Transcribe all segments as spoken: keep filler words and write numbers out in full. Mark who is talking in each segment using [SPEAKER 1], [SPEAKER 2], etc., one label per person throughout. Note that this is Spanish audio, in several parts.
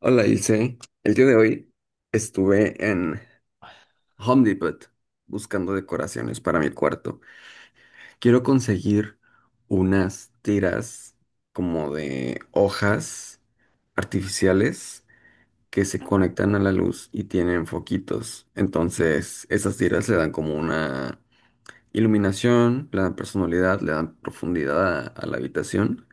[SPEAKER 1] Hola Ilse, el día de hoy estuve en Home Depot buscando decoraciones para mi cuarto. Quiero conseguir unas tiras como de hojas artificiales que se conectan a la luz y tienen foquitos. Entonces, esas tiras le dan como una iluminación, le dan personalidad, le dan profundidad a a la habitación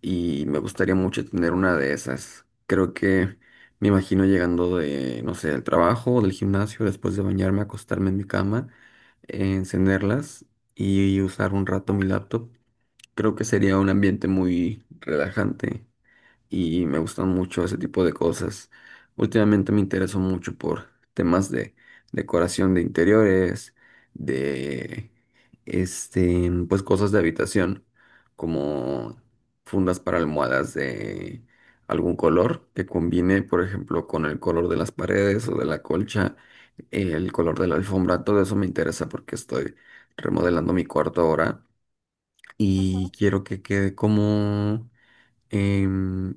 [SPEAKER 1] y me gustaría mucho tener una de esas. Creo que me imagino llegando de, no sé, del trabajo o del gimnasio, después de bañarme, acostarme en mi cama, eh, encenderlas y usar un rato mi laptop. Creo que sería un ambiente muy relajante y me gustan mucho ese tipo de cosas. Últimamente me intereso mucho por temas de decoración de interiores, de este, pues cosas de habitación, como fundas para almohadas de algún color que combine, por ejemplo, con el color de las paredes o de la colcha, el color de la alfombra, todo eso me interesa porque estoy remodelando mi cuarto ahora y quiero que quede como em,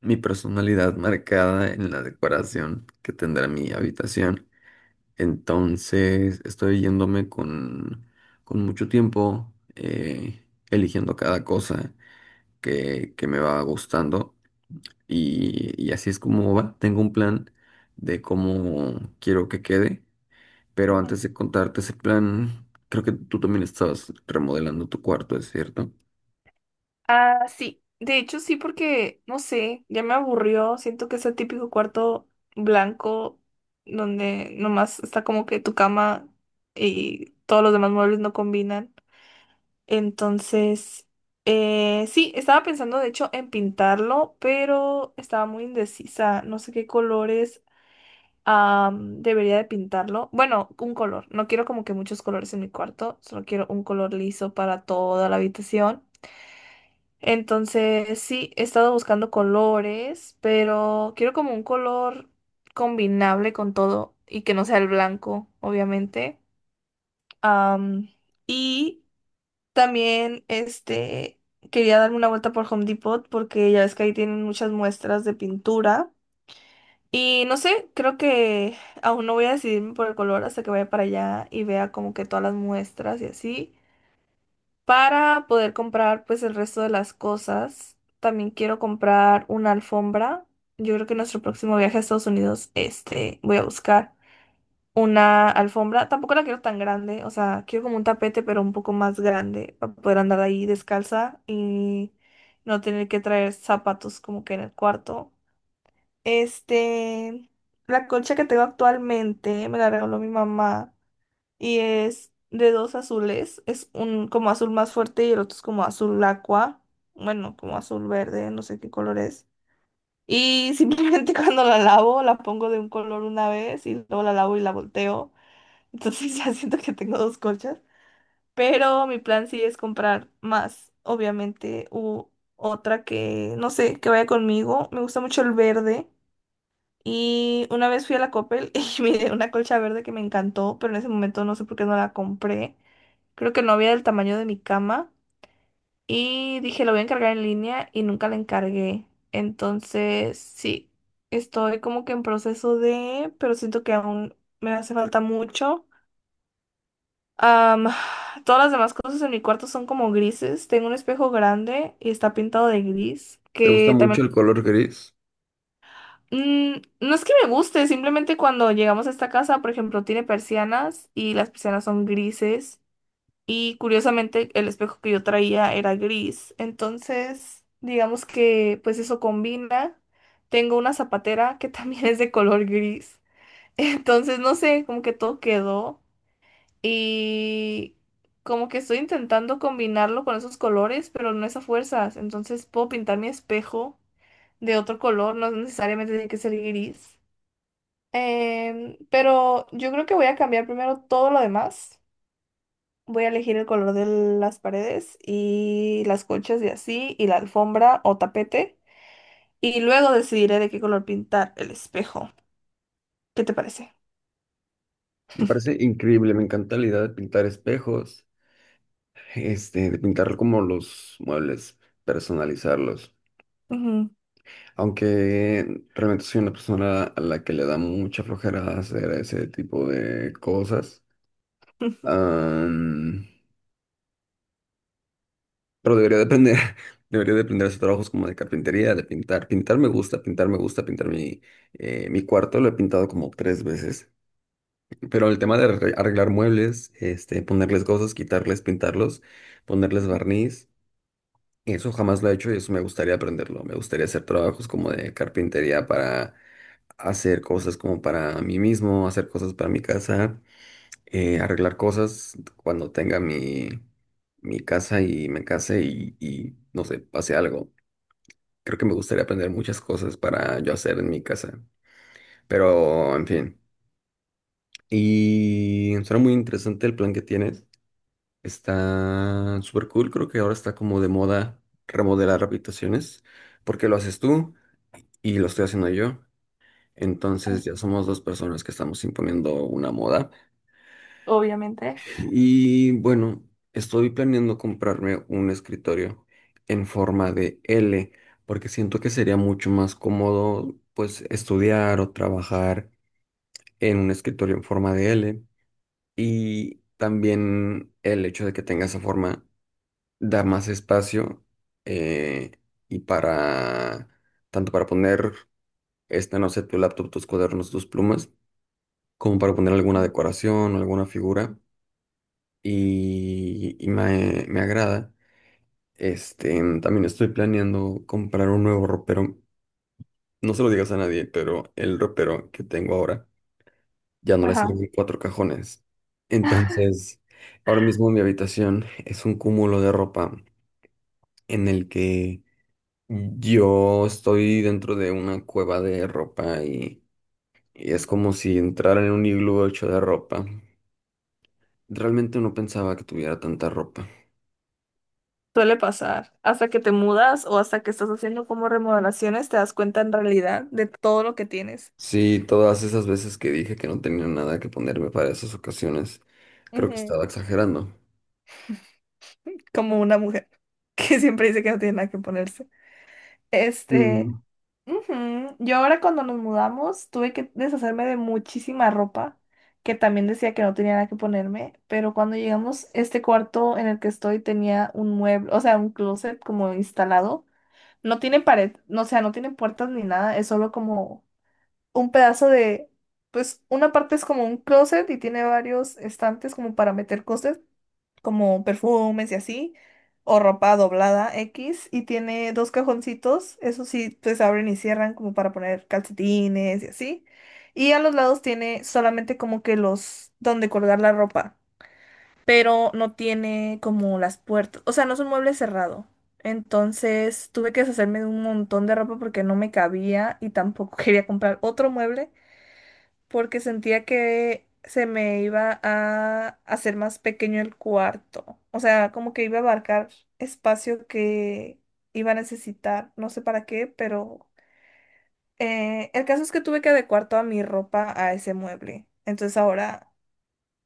[SPEAKER 1] mi personalidad marcada en la decoración que tendrá mi habitación. Entonces, estoy yéndome con, con mucho tiempo, eh, eligiendo cada cosa que, que me va gustando. Y, y así es como va. Tengo un plan de cómo quiero que quede. Pero
[SPEAKER 2] Ujú.
[SPEAKER 1] antes de contarte ese plan, creo que tú también estabas remodelando tu cuarto, ¿es cierto?
[SPEAKER 2] Ah, sí. De hecho, sí, porque, no sé, ya me aburrió. Siento que es el típico cuarto blanco donde nomás está como que tu cama y todos los demás muebles no combinan. Entonces, eh, sí, estaba pensando de hecho en pintarlo, pero estaba muy indecisa. No sé qué colores am, debería de pintarlo. Bueno, un color. No quiero como que muchos colores en mi cuarto, solo quiero un color liso para toda la habitación. Entonces, sí, he estado buscando colores, pero quiero como un color combinable con todo y que no sea el blanco, obviamente. Am, y también, este, quería darme una vuelta por Home Depot porque ya ves que ahí tienen muchas muestras de pintura. Y no sé, creo que aún no voy a decidirme por el color hasta que vaya para allá y vea como que todas las muestras y así para poder comprar pues el resto de las cosas. También quiero comprar una alfombra. Yo creo que nuestro próximo viaje a Estados Unidos, este, voy a buscar una alfombra. Tampoco la quiero tan grande, o sea, quiero como un tapete, pero un poco más grande para poder andar ahí descalza y no tener que traer zapatos como que en el cuarto. Este, la colcha que tengo actualmente me la regaló mi mamá y es de dos azules, es un como azul más fuerte y el otro es como azul aqua, bueno, como azul verde, no sé qué color es. Y simplemente cuando la lavo, la pongo de un color una vez y luego la lavo y la volteo. Entonces ya siento que tengo dos colchas. Pero mi plan sí es comprar más, obviamente, u otra que, no sé, que vaya conmigo. Me gusta mucho el verde. Y una vez fui a la Coppel y miré una colcha verde que me encantó, pero en ese momento no sé por qué no la compré. Creo que no había del tamaño de mi cama. Y dije, lo voy a encargar en línea y nunca la encargué. Entonces, sí, estoy como que en proceso de, pero siento que aún me hace falta mucho. Am, todas las demás cosas en mi cuarto son como grises. Tengo un espejo grande y está pintado de gris,
[SPEAKER 1] ¿Te gusta
[SPEAKER 2] que también...
[SPEAKER 1] mucho el color gris?
[SPEAKER 2] Mm, no es que me guste, simplemente cuando llegamos a esta casa, por ejemplo, tiene persianas y las persianas son grises. Y curiosamente el espejo que yo traía era gris. Entonces, digamos que pues eso combina. Tengo una zapatera que también es de color gris. Entonces, no sé, como que todo quedó. Y como que estoy intentando combinarlo con esos colores, pero no es a fuerzas. Entonces puedo pintar mi espejo de otro color, no necesariamente tiene que ser gris. Em, pero yo creo que voy a cambiar primero todo lo demás. Voy a elegir el color de las paredes y las colchas y así, y la alfombra o tapete. Y luego decidiré de qué color pintar el espejo. ¿Qué te parece?
[SPEAKER 1] Me parece increíble, me encanta la idea de pintar espejos. Este, de pintar como los muebles, personalizarlos.
[SPEAKER 2] Ujú.
[SPEAKER 1] Aunque realmente soy una persona a la que le da mucha flojera hacer ese tipo de cosas. Am, pero debería depender, debería depender de hacer trabajos como de carpintería, de pintar. Pintar me gusta, pintar me gusta, pintar mi, eh, mi cuarto lo he pintado como tres veces. Pero el tema de arre- arreglar muebles, este, ponerles cosas, quitarles, pintarlos, ponerles barniz. Eso jamás lo he hecho y eso me gustaría aprenderlo. Me gustaría hacer trabajos como de carpintería para hacer cosas como para mí mismo, hacer cosas para mi casa, eh, arreglar cosas cuando tenga mi, mi casa y me case y, y no sé, pase algo. Creo que me gustaría aprender muchas cosas para yo hacer en mi casa. Pero, en fin. Y suena muy interesante el plan que tienes. Está súper cool. Creo que ahora está como de moda remodelar habitaciones. ¿Por qué lo haces tú? Y lo estoy haciendo yo. Entonces ya somos dos personas que estamos imponiendo una moda.
[SPEAKER 2] Obviamente.
[SPEAKER 1] Y bueno, estoy planeando comprarme un escritorio en forma de L, porque siento que sería mucho más cómodo pues estudiar o trabajar en un escritorio en forma de L. Y también el hecho de que tenga esa forma da más espacio, eh, y para tanto para poner, esta, no sé, tu laptop, tus cuadernos, tus plumas como para poner alguna decoración, alguna figura y, y me, me agrada. Este, también estoy planeando comprar un nuevo ropero. No se lo digas a nadie, pero el ropero que tengo ahora ya no le
[SPEAKER 2] Ajá.
[SPEAKER 1] sirven cuatro cajones. Entonces, ahora mismo mi habitación es un cúmulo de ropa en el que yo estoy dentro de una cueva de ropa y, y es como si entrara en un iglú hecho de ropa. Realmente no pensaba que tuviera tanta ropa.
[SPEAKER 2] Suele pasar. Hasta que te mudas o hasta que estás haciendo como remodelaciones, te das cuenta en realidad de todo lo que tienes.
[SPEAKER 1] Sí, todas esas veces que dije que no tenía nada que ponerme para esas ocasiones, creo que
[SPEAKER 2] Ujú.
[SPEAKER 1] estaba exagerando.
[SPEAKER 2] Como una mujer que siempre dice que no tiene nada que ponerse. Este.
[SPEAKER 1] Mm.
[SPEAKER 2] Ujú. Yo ahora cuando nos mudamos tuve que deshacerme de muchísima ropa que también decía que no tenía nada que ponerme, pero cuando llegamos este cuarto en el que estoy tenía un mueble, o sea, un closet como instalado. No tiene pared, no, o sea, no tiene puertas ni nada, es solo como un pedazo de, pues una parte es como un closet y tiene varios estantes como para meter cosas, como perfumes y así, o ropa doblada X, y tiene dos cajoncitos, eso sí, pues abren y cierran como para poner calcetines y así. Y a los lados tiene solamente como que los, donde colgar la ropa, pero no tiene como las puertas, o sea, no es un mueble cerrado. Entonces tuve que deshacerme de un montón de ropa porque no me cabía y tampoco quería comprar otro mueble porque sentía que se me iba a hacer más pequeño el cuarto. O sea, como que iba a abarcar espacio que iba a necesitar, no sé para qué, pero eh, el caso es que tuve que adecuar toda mi ropa a ese mueble. Entonces ahora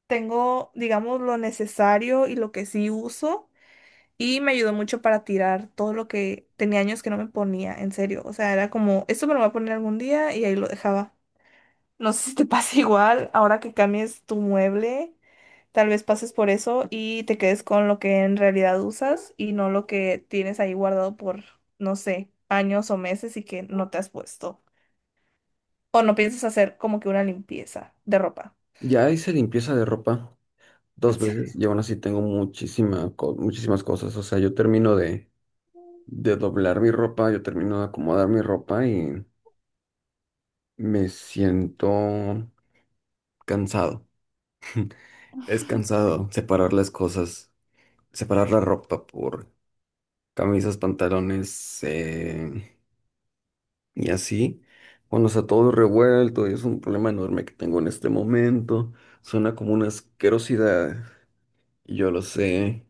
[SPEAKER 2] tengo, digamos, lo necesario y lo que sí uso. Y me ayudó mucho para tirar todo lo que tenía años que no me ponía, en serio. O sea, era como, esto me lo voy a poner algún día y ahí lo dejaba. No sé si te pasa igual ahora que cambies tu mueble. Tal vez pases por eso y te quedes con lo que en realidad usas y no lo que tienes ahí guardado por, no sé, años o meses y que no te has puesto. O no piensas hacer como que una limpieza de ropa.
[SPEAKER 1] Ya hice limpieza de ropa dos
[SPEAKER 2] En
[SPEAKER 1] veces
[SPEAKER 2] serio.
[SPEAKER 1] y aún así tengo muchísima, co- muchísimas cosas. O sea, yo termino de, de doblar mi ropa, yo termino de acomodar mi ropa y me siento cansado. Es cansado separar las cosas, separar la ropa por camisas, pantalones, eh, y así, cuando está todo revuelto y es un problema enorme que tengo en este momento, suena como una asquerosidad, y yo lo sé,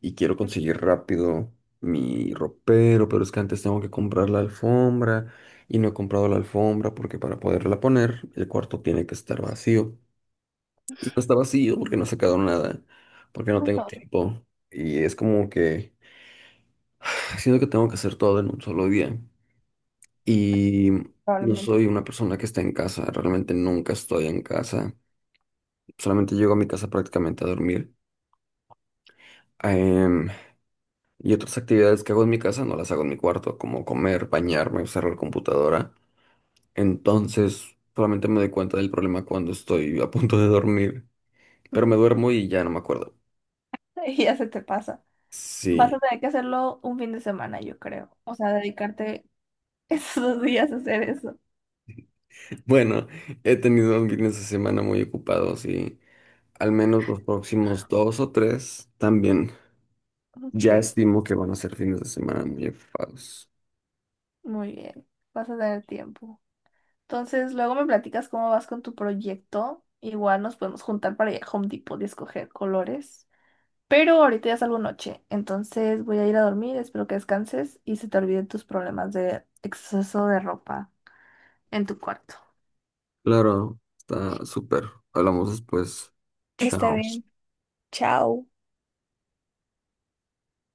[SPEAKER 1] y quiero conseguir rápido mi ropero, pero es que antes tengo que comprar la alfombra y no he comprado la alfombra porque para poderla poner el cuarto tiene que estar vacío. Y no está vacío porque no he sacado nada, porque no tengo tiempo. Y es como que siento que tengo que hacer todo en un solo día. Y no
[SPEAKER 2] Probablemente
[SPEAKER 1] soy una
[SPEAKER 2] sí.
[SPEAKER 1] persona que está en casa, realmente nunca estoy en casa, solamente llego a mi casa prácticamente a dormir. Em, y otras actividades que hago en mi casa no las hago en mi cuarto, como comer, bañarme, usar la computadora. Entonces, solamente me doy cuenta del problema cuando estoy a punto de dormir, pero me duermo y ya no me acuerdo.
[SPEAKER 2] Y ya se te pasa. Vas a
[SPEAKER 1] Sí,
[SPEAKER 2] tener que hacerlo un fin de semana, yo creo. O sea, dedicarte esos dos días a hacer eso.
[SPEAKER 1] bueno, he tenido un fines de semana muy ocupados y al menos los próximos dos o tres también.
[SPEAKER 2] Ok,
[SPEAKER 1] Ya estimo que van a ser fines de semana muy enfocados.
[SPEAKER 2] muy bien. Vas a tener tiempo. Entonces, luego me platicas cómo vas con tu proyecto. Igual nos podemos juntar para ir a Home Depot y escoger colores. Pero ahorita ya salgo noche, entonces voy a ir a dormir, espero que descanses y se te olviden tus problemas de exceso de ropa en tu cuarto.
[SPEAKER 1] Claro, está súper. Hablamos después.
[SPEAKER 2] Está
[SPEAKER 1] Chao.
[SPEAKER 2] bien. Chao.